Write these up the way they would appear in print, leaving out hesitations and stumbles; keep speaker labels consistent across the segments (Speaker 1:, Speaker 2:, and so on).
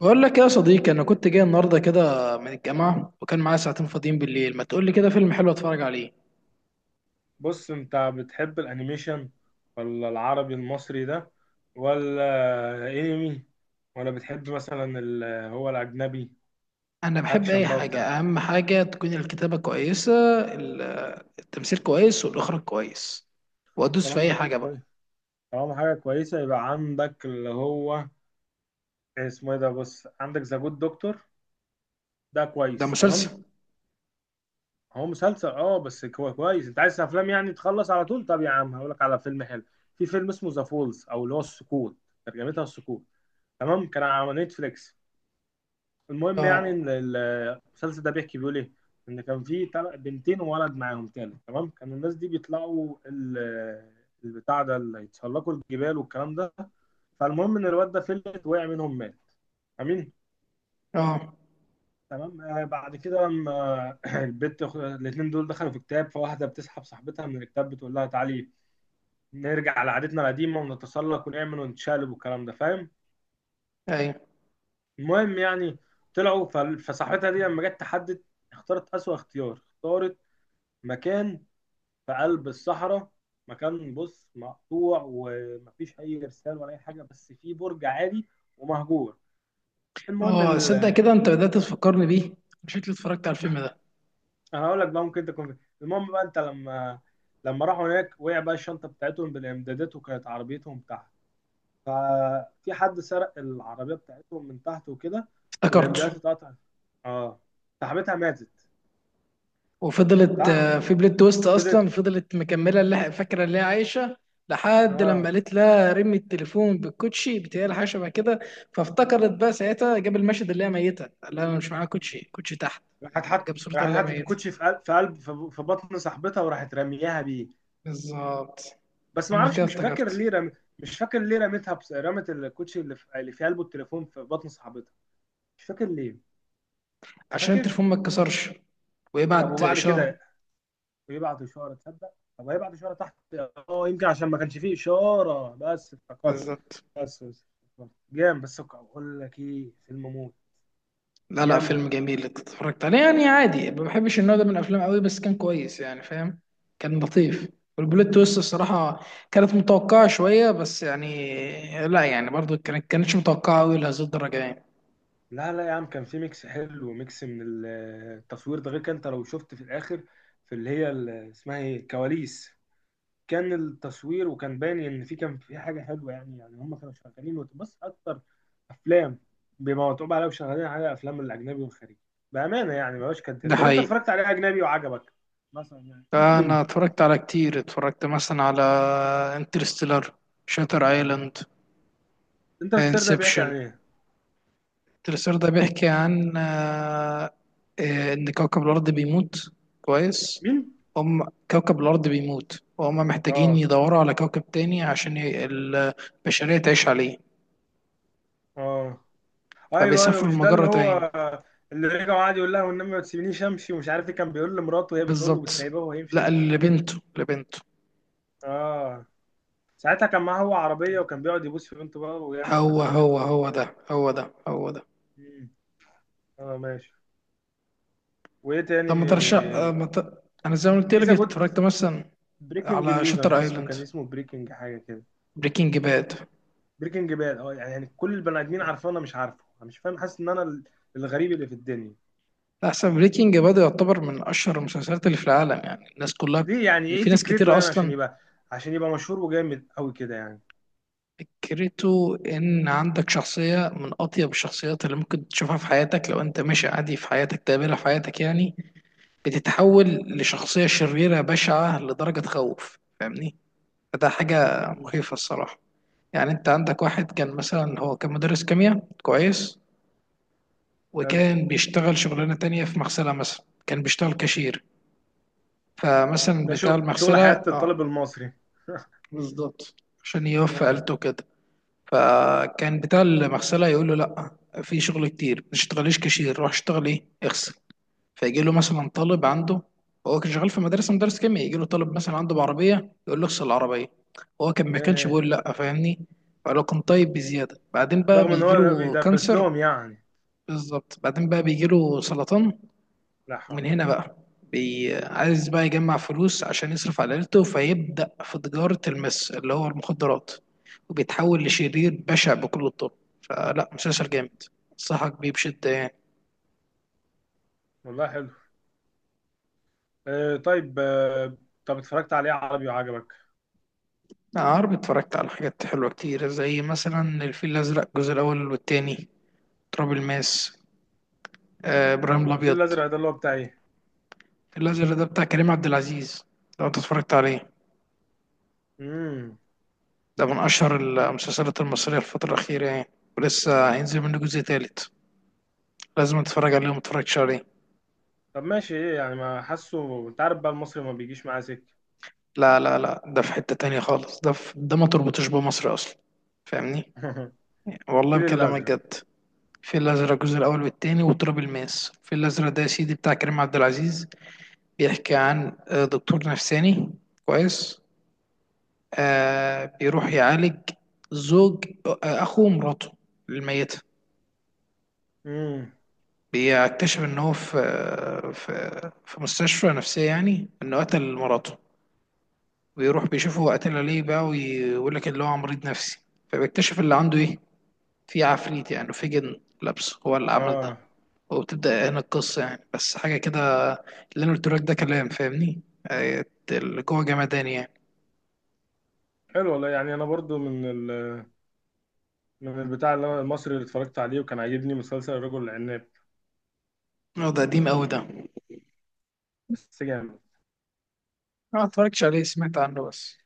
Speaker 1: بقول لك يا صديقي، انا كنت جاي النهارده كده من الجامعه، وكان معايا ساعتين فاضيين بالليل. ما تقول لي كده فيلم حلو اتفرج عليه؟
Speaker 2: بص، انت بتحب الانيميشن؟ ولا العربي المصري ده؟ ولا انمي؟ ولا بتحب مثلا هو الاجنبي؟
Speaker 1: انا بحب اي
Speaker 2: اكشن بقى
Speaker 1: حاجه،
Speaker 2: وبتاع.
Speaker 1: اهم حاجه تكون الكتابه كويسه، ال- التمثيل كويس والاخراج كويس، وادوس في
Speaker 2: طالما
Speaker 1: اي
Speaker 2: حاجه
Speaker 1: حاجه بقى.
Speaker 2: كويس طالما حاجه كويسه يبقى عندك اللي هو اسمه ايه ده. بص، عندك ذا جود دكتور ده
Speaker 1: ده
Speaker 2: كويس تمام.
Speaker 1: مسلسل.
Speaker 2: هو مسلسل، بس كويس. انت عايز افلام يعني تخلص على طول؟ طب يا عم، هقول لك على فيلم حلو. في فيلم اسمه ذا فولز، او اللي هو السقوط، ترجمتها السقوط. تمام، كان على نتفليكس. المهم يعني
Speaker 1: اه.
Speaker 2: إن المسلسل ده بيحكي بيقول ايه. ان كان في بنتين وولد معاهم تاني. تمام، كانوا الناس دي بيطلعوا البتاع ده اللي يتسلقوا الجبال والكلام ده. فالمهم ان الواد ده فلت، وقع منهم، مات. امين.
Speaker 1: اه.
Speaker 2: تمام. بعد كده لما البت الاثنين دول دخلوا في كتاب، فواحده بتسحب صاحبتها من الكتاب، بتقول لها تعالي نرجع لعادتنا القديمه ونتسلق ونعمل ونتشالب والكلام ده، فاهم؟
Speaker 1: ايوه.
Speaker 2: المهم يعني، طلعوا فصاحبتها دي لما جت تحدد، اختارت اسوأ اختيار، اختارت مكان في قلب الصحراء. مكان بص مقطوع، ومفيش اي ارسال ولا اي حاجه، بس في برج عالي ومهجور. المهم
Speaker 1: اه، صدق كده، انت
Speaker 2: ال-
Speaker 1: بدات تفكرني بيه. شكلي اتفرجت على الفيلم ده.
Speaker 2: انا هقول لك بقى ممكن تكون فين. المهم بقى، انت لما راحوا هناك، وقع بقى الشنطه بتاعتهم بالامدادات، وكانت عربيتهم تحت. ففي حد سرق العربيه بتاعتهم من تحت وكده،
Speaker 1: افتكرته.
Speaker 2: والامدادات اتقطعت. اه صاحبتها ماتت.
Speaker 1: وفضلت
Speaker 2: صح.
Speaker 1: في بلوت تويست، اصلا
Speaker 2: فضلت.
Speaker 1: فضلت مكمله، اللي فاكره اللي هي عايشه، لحد لما
Speaker 2: اه
Speaker 1: قالت لها رمي التليفون بالكوتشي. بتهيألي حاجه شبه كده. فافتكرت بقى ساعتها، جاب المشهد اللي هي ميته، قال لها انا مش معايا كوتشي، كوتشي تحت. جاب صورتها
Speaker 2: راحت
Speaker 1: اللي هي
Speaker 2: حطت
Speaker 1: ميته.
Speaker 2: الكوتشي في قل- في قلب في في بطن صاحبتها، وراحت رمياها بيه.
Speaker 1: بالظبط.
Speaker 2: بس ما
Speaker 1: انا
Speaker 2: اعرفش،
Speaker 1: كده
Speaker 2: مش فاكر
Speaker 1: افتكرت.
Speaker 2: ليه مش فاكر ليه رميتها. بس رمت الكوتشي اللي في قلبه التليفون في بطن صاحبتها، مش فاكر ليه. انت
Speaker 1: عشان
Speaker 2: فاكر؟
Speaker 1: التليفون ما اتكسرش
Speaker 2: طب
Speaker 1: ويبعت
Speaker 2: وبعد
Speaker 1: اشاره.
Speaker 2: كده يبعت اشاره؟ تصدق؟ طب هيبعت اشاره تحت؟ اه يمكن عشان ما كانش فيه اشاره، بس افتكرت.
Speaker 1: بالظبط.
Speaker 2: بس افتكرت. جامد. بس اقول لك ايه، فيلم موت.
Speaker 1: لا لا،
Speaker 2: جامد.
Speaker 1: فيلم جميل. انت اتفرجت عليه يعني عادي، ما بحبش النوع ده من الافلام قوي، بس كان كويس يعني، فاهم. كان لطيف. والبلوت تويست الصراحه كانت متوقعه شويه، بس يعني لا، يعني برضو كانتش متوقعه قوي لهذه الدرجه يعني.
Speaker 2: لا، لا يا عم، كان في ميكس حلو وميكس من التصوير ده. غير كان انت لو شفت في الاخر، في اللي هي اسمها ايه، الكواليس. كان التصوير وكان باين ان كان في حاجه حلوه. يعني هم كانوا شغالين، وتبص اكتر افلام، بما متعوب عليها وشغالين عليها افلام الاجنبي والخارجي بامانه. يعني ما بقاش كداب.
Speaker 1: ده
Speaker 2: طب انت
Speaker 1: حقيقي.
Speaker 2: اتفرجت عليه اجنبي وعجبك مثلا يعني؟
Speaker 1: فانا اتفرجت على كتير، اتفرجت مثلا على انترستيلر، شاتر ايلاند،
Speaker 2: انت، السر ده بيحكي
Speaker 1: انسبشن.
Speaker 2: عن ايه؟
Speaker 1: التلسير ده بيحكي عن إن كوكب الأرض بيموت. كويس.
Speaker 2: مين؟
Speaker 1: هم كوكب الأرض بيموت، وهم محتاجين
Speaker 2: اه،
Speaker 1: يدوروا على كوكب تاني عشان البشرية تعيش عليه.
Speaker 2: اه، ايوه، ايوه،
Speaker 1: فبيسافروا
Speaker 2: مش ده اللي
Speaker 1: لمجرة تاني.
Speaker 2: هو اللي رجع وقعد يقول لها والنبي ما تسيبنيش امشي، ومش عارف ايه كان بيقول لمراته، وهي بتقول له
Speaker 1: بالظبط.
Speaker 2: بتسيبه وهو
Speaker 1: لا،
Speaker 2: يمشي.
Speaker 1: لبنته.
Speaker 2: اه. ساعتها كان معاه هو عربيه، وكان بيقعد يبوس في بنته بقى، ويعمل
Speaker 1: هو
Speaker 2: حركات غريبه
Speaker 1: هو
Speaker 2: بنت
Speaker 1: هو
Speaker 2: الكلب.
Speaker 1: ده، هو ده، هو ده.
Speaker 2: مم. اه، ماشي. وايه تاني؟
Speaker 1: طب ما ترشح، آه، ما ت... أنا زي ما قلت
Speaker 2: في
Speaker 1: لك
Speaker 2: ذا جود،
Speaker 1: اتفرجت مثلا
Speaker 2: بريكنج
Speaker 1: على
Speaker 2: نيوز مش
Speaker 1: شاتر
Speaker 2: عارف اسمه،
Speaker 1: ايلاند،
Speaker 2: كان اسمه بريكنج حاجه كده.
Speaker 1: بريكنج باد.
Speaker 2: بريكنج باد! اه يعني كل البني ادمين عارفاه، انا مش عارفه، انا مش فاهم، حاسس ان انا الغريب اللي في الدنيا.
Speaker 1: لا، احسن، بريكنج باد يعتبر من اشهر المسلسلات اللي في العالم يعني، الناس كلها.
Speaker 2: ليه؟ يعني
Speaker 1: ان
Speaker 2: ايه
Speaker 1: في ناس
Speaker 2: فكرته؟
Speaker 1: كتير
Speaker 2: يعني
Speaker 1: اصلا.
Speaker 2: عشان يبقى مشهور وجامد قوي كده يعني؟
Speaker 1: فكرته ان عندك شخصيه من اطيب الشخصيات اللي ممكن تشوفها في حياتك، لو انت ماشي عادي في حياتك تقابلها في حياتك يعني، بتتحول لشخصيه شريره بشعه لدرجه تخوف، فاهمني. فده حاجه
Speaker 2: مم.
Speaker 1: مخيفه الصراحه. يعني انت عندك واحد، كان مثلا هو كان مدرس كيمياء كويس،
Speaker 2: حلو.
Speaker 1: وكان بيشتغل شغلانه تانية في مغسله، مثلا كان بيشتغل كاشير. فمثلا
Speaker 2: ده شو
Speaker 1: بتاع
Speaker 2: شغل
Speaker 1: المغسله
Speaker 2: حياة الطالب المصري!
Speaker 1: بالظبط عشان يوفي
Speaker 2: مم.
Speaker 1: عيلته كده. فكان بتاع المغسله يقول له لا، في شغل كتير، ما تشتغليش كاشير، روح اشتغل ايه، اغسل. فيجي له مثلا طالب عنده. هو كان شغال في مدرسه مدرس كيمياء، يجي له طالب مثلا عنده بعربيه، يقول له اغسل العربيه. هو كان ما كانش
Speaker 2: ياه!
Speaker 1: بيقول لا، فاهمني. فلو كان طيب بزياده، بعدين بقى
Speaker 2: رغم ان
Speaker 1: بيجي
Speaker 2: هو
Speaker 1: له
Speaker 2: بيدرس
Speaker 1: كانسر.
Speaker 2: لهم يعني.
Speaker 1: بالظبط. بعدين بقى بيجي له سرطان.
Speaker 2: لا
Speaker 1: ومن
Speaker 2: حول.
Speaker 1: هنا بقى عايز بقى يجمع فلوس عشان يصرف على عيلته، فيبدأ في تجارة المس اللي هو المخدرات، وبيتحول لشرير بشع بكل الطرق. فلا، مسلسل جامد، انصحك بيه بشدة يعني.
Speaker 2: والله حلو. آه، طيب. آه. طب اتفرجت عليه عربي وعجبك؟
Speaker 1: لا، عربي اتفرجت على حاجات حلوة كتير، زي مثلا الفيل الأزرق الجزء الأول والتاني، تراب الماس، إبراهيم
Speaker 2: هو الفيل
Speaker 1: الأبيض.
Speaker 2: الازرق ده اللي هو بتاع ايه؟
Speaker 1: الفيل الأزرق ده بتاع كريم عبد العزيز، لو أنت اتفرجت عليه.
Speaker 2: امم
Speaker 1: ده من أشهر المسلسلات المصرية الفترة الأخيرة يعني. ولسه هينزل منه جزء تالت. لازم تتفرج عليه ومتتفرجش عليه.
Speaker 2: طب ماشي، ايه يعني، ما حاسه، انت عارف بقى، المصري ما بيجيش معاه سكه.
Speaker 1: لا لا لا، ده في حتة تانية خالص. ده في ده ما تربطش بمصر أصلا، فاهمني. والله
Speaker 2: الفيل
Speaker 1: بكلمك
Speaker 2: الازرق.
Speaker 1: جد. في الأزرق الجزء الأول والتاني وتراب الماس. في الأزرق ده يا سيدي بتاع كريم عبد العزيز، بيحكي عن دكتور نفساني. كويس. آه، بيروح يعالج زوج، أخو مراته الميتة.
Speaker 2: امم
Speaker 1: بيكتشف إن هو في آه، في في مستشفى نفسية، يعني إنه قتل مراته. بيروح بيشوفه، هو قتلها ليه بقى، ويقول لك اللي هو مريض نفسي. فبيكتشف اللي عنده ايه. في عفريت يعني، في جن لابسه هو اللي عمل ده.
Speaker 2: اه،
Speaker 1: وبتبدأ هنا القصة يعني، بس حاجة كده اللي أنا قلتلك ده كلام، فاهمني. آه، اللي جوه جمدان يعني.
Speaker 2: حلو والله. يعني انا برضو من ال... من البتاع اللي المصري اللي اتفرجت عليه وكان عاجبني مسلسل الرجل العناب.
Speaker 1: اه، ده قديم أوي ده.
Speaker 2: بس جامد.
Speaker 1: أنا متفرجتش عليه، سمعت عنه بس.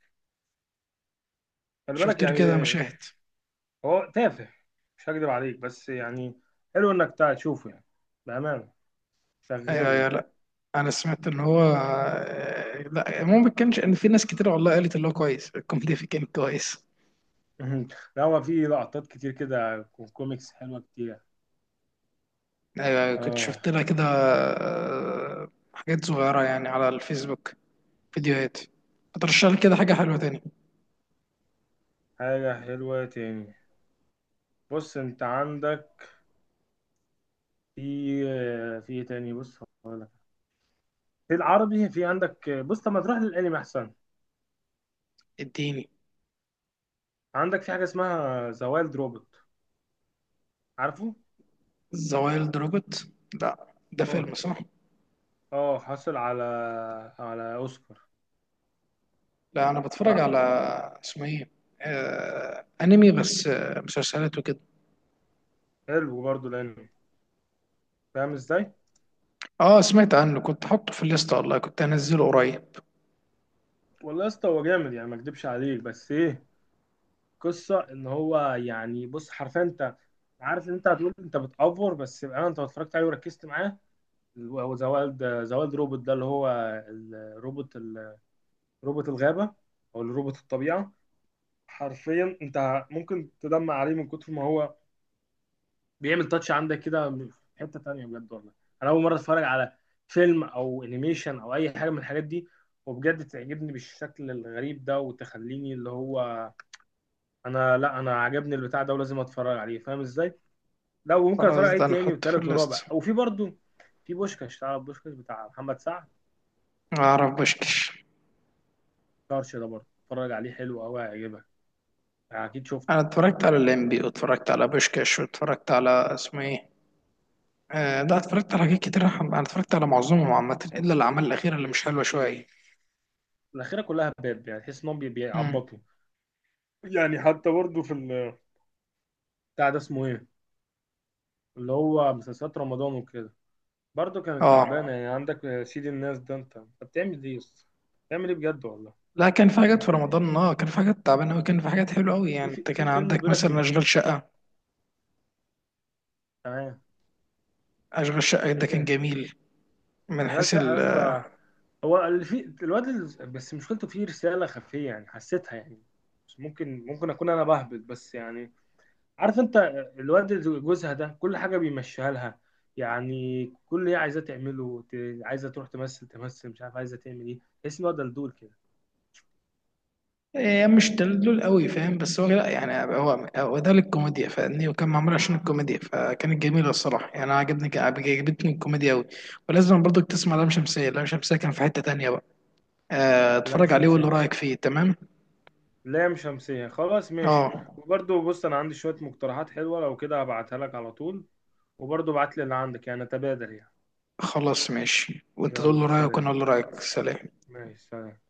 Speaker 2: خلي
Speaker 1: شفت
Speaker 2: بالك
Speaker 1: له
Speaker 2: يعني،
Speaker 1: كده مشاهد.
Speaker 2: هو تافه، مش هكدب عليك، بس يعني حلو انك تشوفه يعني، بأمانة، شغال
Speaker 1: أيوه أيوه،
Speaker 2: يعني.
Speaker 1: لأ. أنا سمعت إن هو لأ، ما كانش، إن في ناس كتير والله قالت إن هو كويس، الكوميديا فيه كان كويس.
Speaker 2: لا، هو في لقطات كتير كده كوميكس حلوة كتير.
Speaker 1: أيوه أيوة، كنت
Speaker 2: اه.
Speaker 1: شفت لها كده حاجات صغيرة يعني على الفيسبوك، فيديوهات. هترشح لي كده حاجة حلوة تاني؟
Speaker 2: حاجة حلوة تاني؟ بص انت عندك، في في ايه تاني، بص هقول لك. في العربي، في عندك، بص. طب ما تروح للانمي احسن.
Speaker 1: اديني.
Speaker 2: عندك في حاجة اسمها ذا وايلد روبوت، عارفه؟
Speaker 1: ذا وايلد روبوت؟ لا، ده
Speaker 2: اه،
Speaker 1: فيلم صح.
Speaker 2: اه، حصل على اوسكار،
Speaker 1: لا، انا بتفرج
Speaker 2: تعرف.
Speaker 1: على اسمه ايه، انمي بس، مسلسلات وكده.
Speaker 2: حلو برضه الانمي، فاهم ازاي؟
Speaker 1: اه، سمعت عنه، كنت حاطه في الليست والله، كنت هنزله قريب.
Speaker 2: والله يا اسطى، هو جامد يعني، ما اكدبش عليك، بس ايه، قصه ان هو يعني بص، حرفيا انت عارف ان انت هتقول انت بتأفور، بس بقى انت لو اتفرجت عليه وركزت معاه. هو ذا وايلد روبوت ده، اللي هو الروبوت، روبوت الغابه، او الروبوت الطبيعه. حرفيا انت ممكن تدمع عليه من كتر ما هو بيعمل تاتش عندك كده في حته تانيه، بجد والله. انا اول مره اتفرج على فيلم او انيميشن او اي حاجه من الحاجات دي، وبجد تعجبني بالشكل الغريب ده، وتخليني اللي هو انا لا انا عجبني البتاع ده ولازم اتفرج عليه، فاهم ازاي. لا، وممكن اتفرج
Speaker 1: خلاص،
Speaker 2: عليه
Speaker 1: ده
Speaker 2: تاني
Speaker 1: نحطه في
Speaker 2: وتالت
Speaker 1: الليست.
Speaker 2: ورابع. وفي برضو، في بوشكاش، تعرف بوشكاش بتاع محمد سعد؟
Speaker 1: اعرف بوشكش.
Speaker 2: طرش ده برضه اتفرج عليه، حلو قوي هيعجبك، يعني اكيد شفته.
Speaker 1: انا اتفرجت على الليمبي، واتفرجت على بوشكش، واتفرجت على اسمه ايه. آه لا، اتفرجت على حاجات كتير. انا اتفرجت على معظمهم عامة، الا الاعمال الاخيرة اللي مش حلوة شوية.
Speaker 2: الاخيره كلها باب، يعني تحس انهم
Speaker 1: مم.
Speaker 2: بيعبطوا يعني. حتى برضه في بتاع ده اسمه ايه، اللي هو مسلسلات رمضان وكده، برضه كانت
Speaker 1: اه
Speaker 2: تعبانه. يعني عندك سيد الناس ده، انت بتعمل ايه يا اسطى؟ بتعمل ايه بجد والله؟
Speaker 1: لا، كان في
Speaker 2: يعني
Speaker 1: حاجات في رمضان. اه، كان في حاجات تعبانه قوي، كان في حاجات حلوه قوي.
Speaker 2: في
Speaker 1: يعني
Speaker 2: في
Speaker 1: انت
Speaker 2: في
Speaker 1: كان
Speaker 2: فيلم
Speaker 1: عندك
Speaker 2: بيقول لك،
Speaker 1: مثلا
Speaker 2: في
Speaker 1: اشغال شقه.
Speaker 2: تمام.
Speaker 1: اشغال شقه ده كان
Speaker 2: انت،
Speaker 1: جميل من
Speaker 2: اشغال
Speaker 1: حيث
Speaker 2: شقه يا
Speaker 1: ال
Speaker 2: اسطى، هو اللي في الواد بس مشكلته فيه رساله خفيه يعني حسيتها يعني، بس ممكن اكون انا بهبط بس يعني، عارف انت. الواد اللي جوزها ده، كل حاجه بيمشيها لها، يعني كل اللي هي عايزاه تعمله عايزه تروح تمثل مش عارف عايزه تعمل ايه. تحس ان هو دلدول كده.
Speaker 1: إيه، مش تدلول قوي فاهم، بس هو لا يعني هو ده للكوميديا فاهمني، وكان معمول عشان الكوميديا، فكانت جميله الصراحه يعني. انا عجبتني الكوميديا قوي. ولازم برضك تسمع لام شمسيه. لام شمسيه كان في حته تانيه بقى.
Speaker 2: لام
Speaker 1: اتفرج عليه وقول له
Speaker 2: شمسيه،
Speaker 1: رايك فيه. تمام.
Speaker 2: لام شمسيه، خلاص ماشي.
Speaker 1: اه،
Speaker 2: وبرضه بص، انا عندي شويه مقترحات حلوه، لو كده هبعتها لك على طول. وبرضه ابعت لي اللي عندك، يعني تبادل يعني.
Speaker 1: خلاص ماشي، وانت تقول له
Speaker 2: يلا
Speaker 1: رايك وانا
Speaker 2: سلام.
Speaker 1: اقول له رايك. سلام.
Speaker 2: ماشي سلام.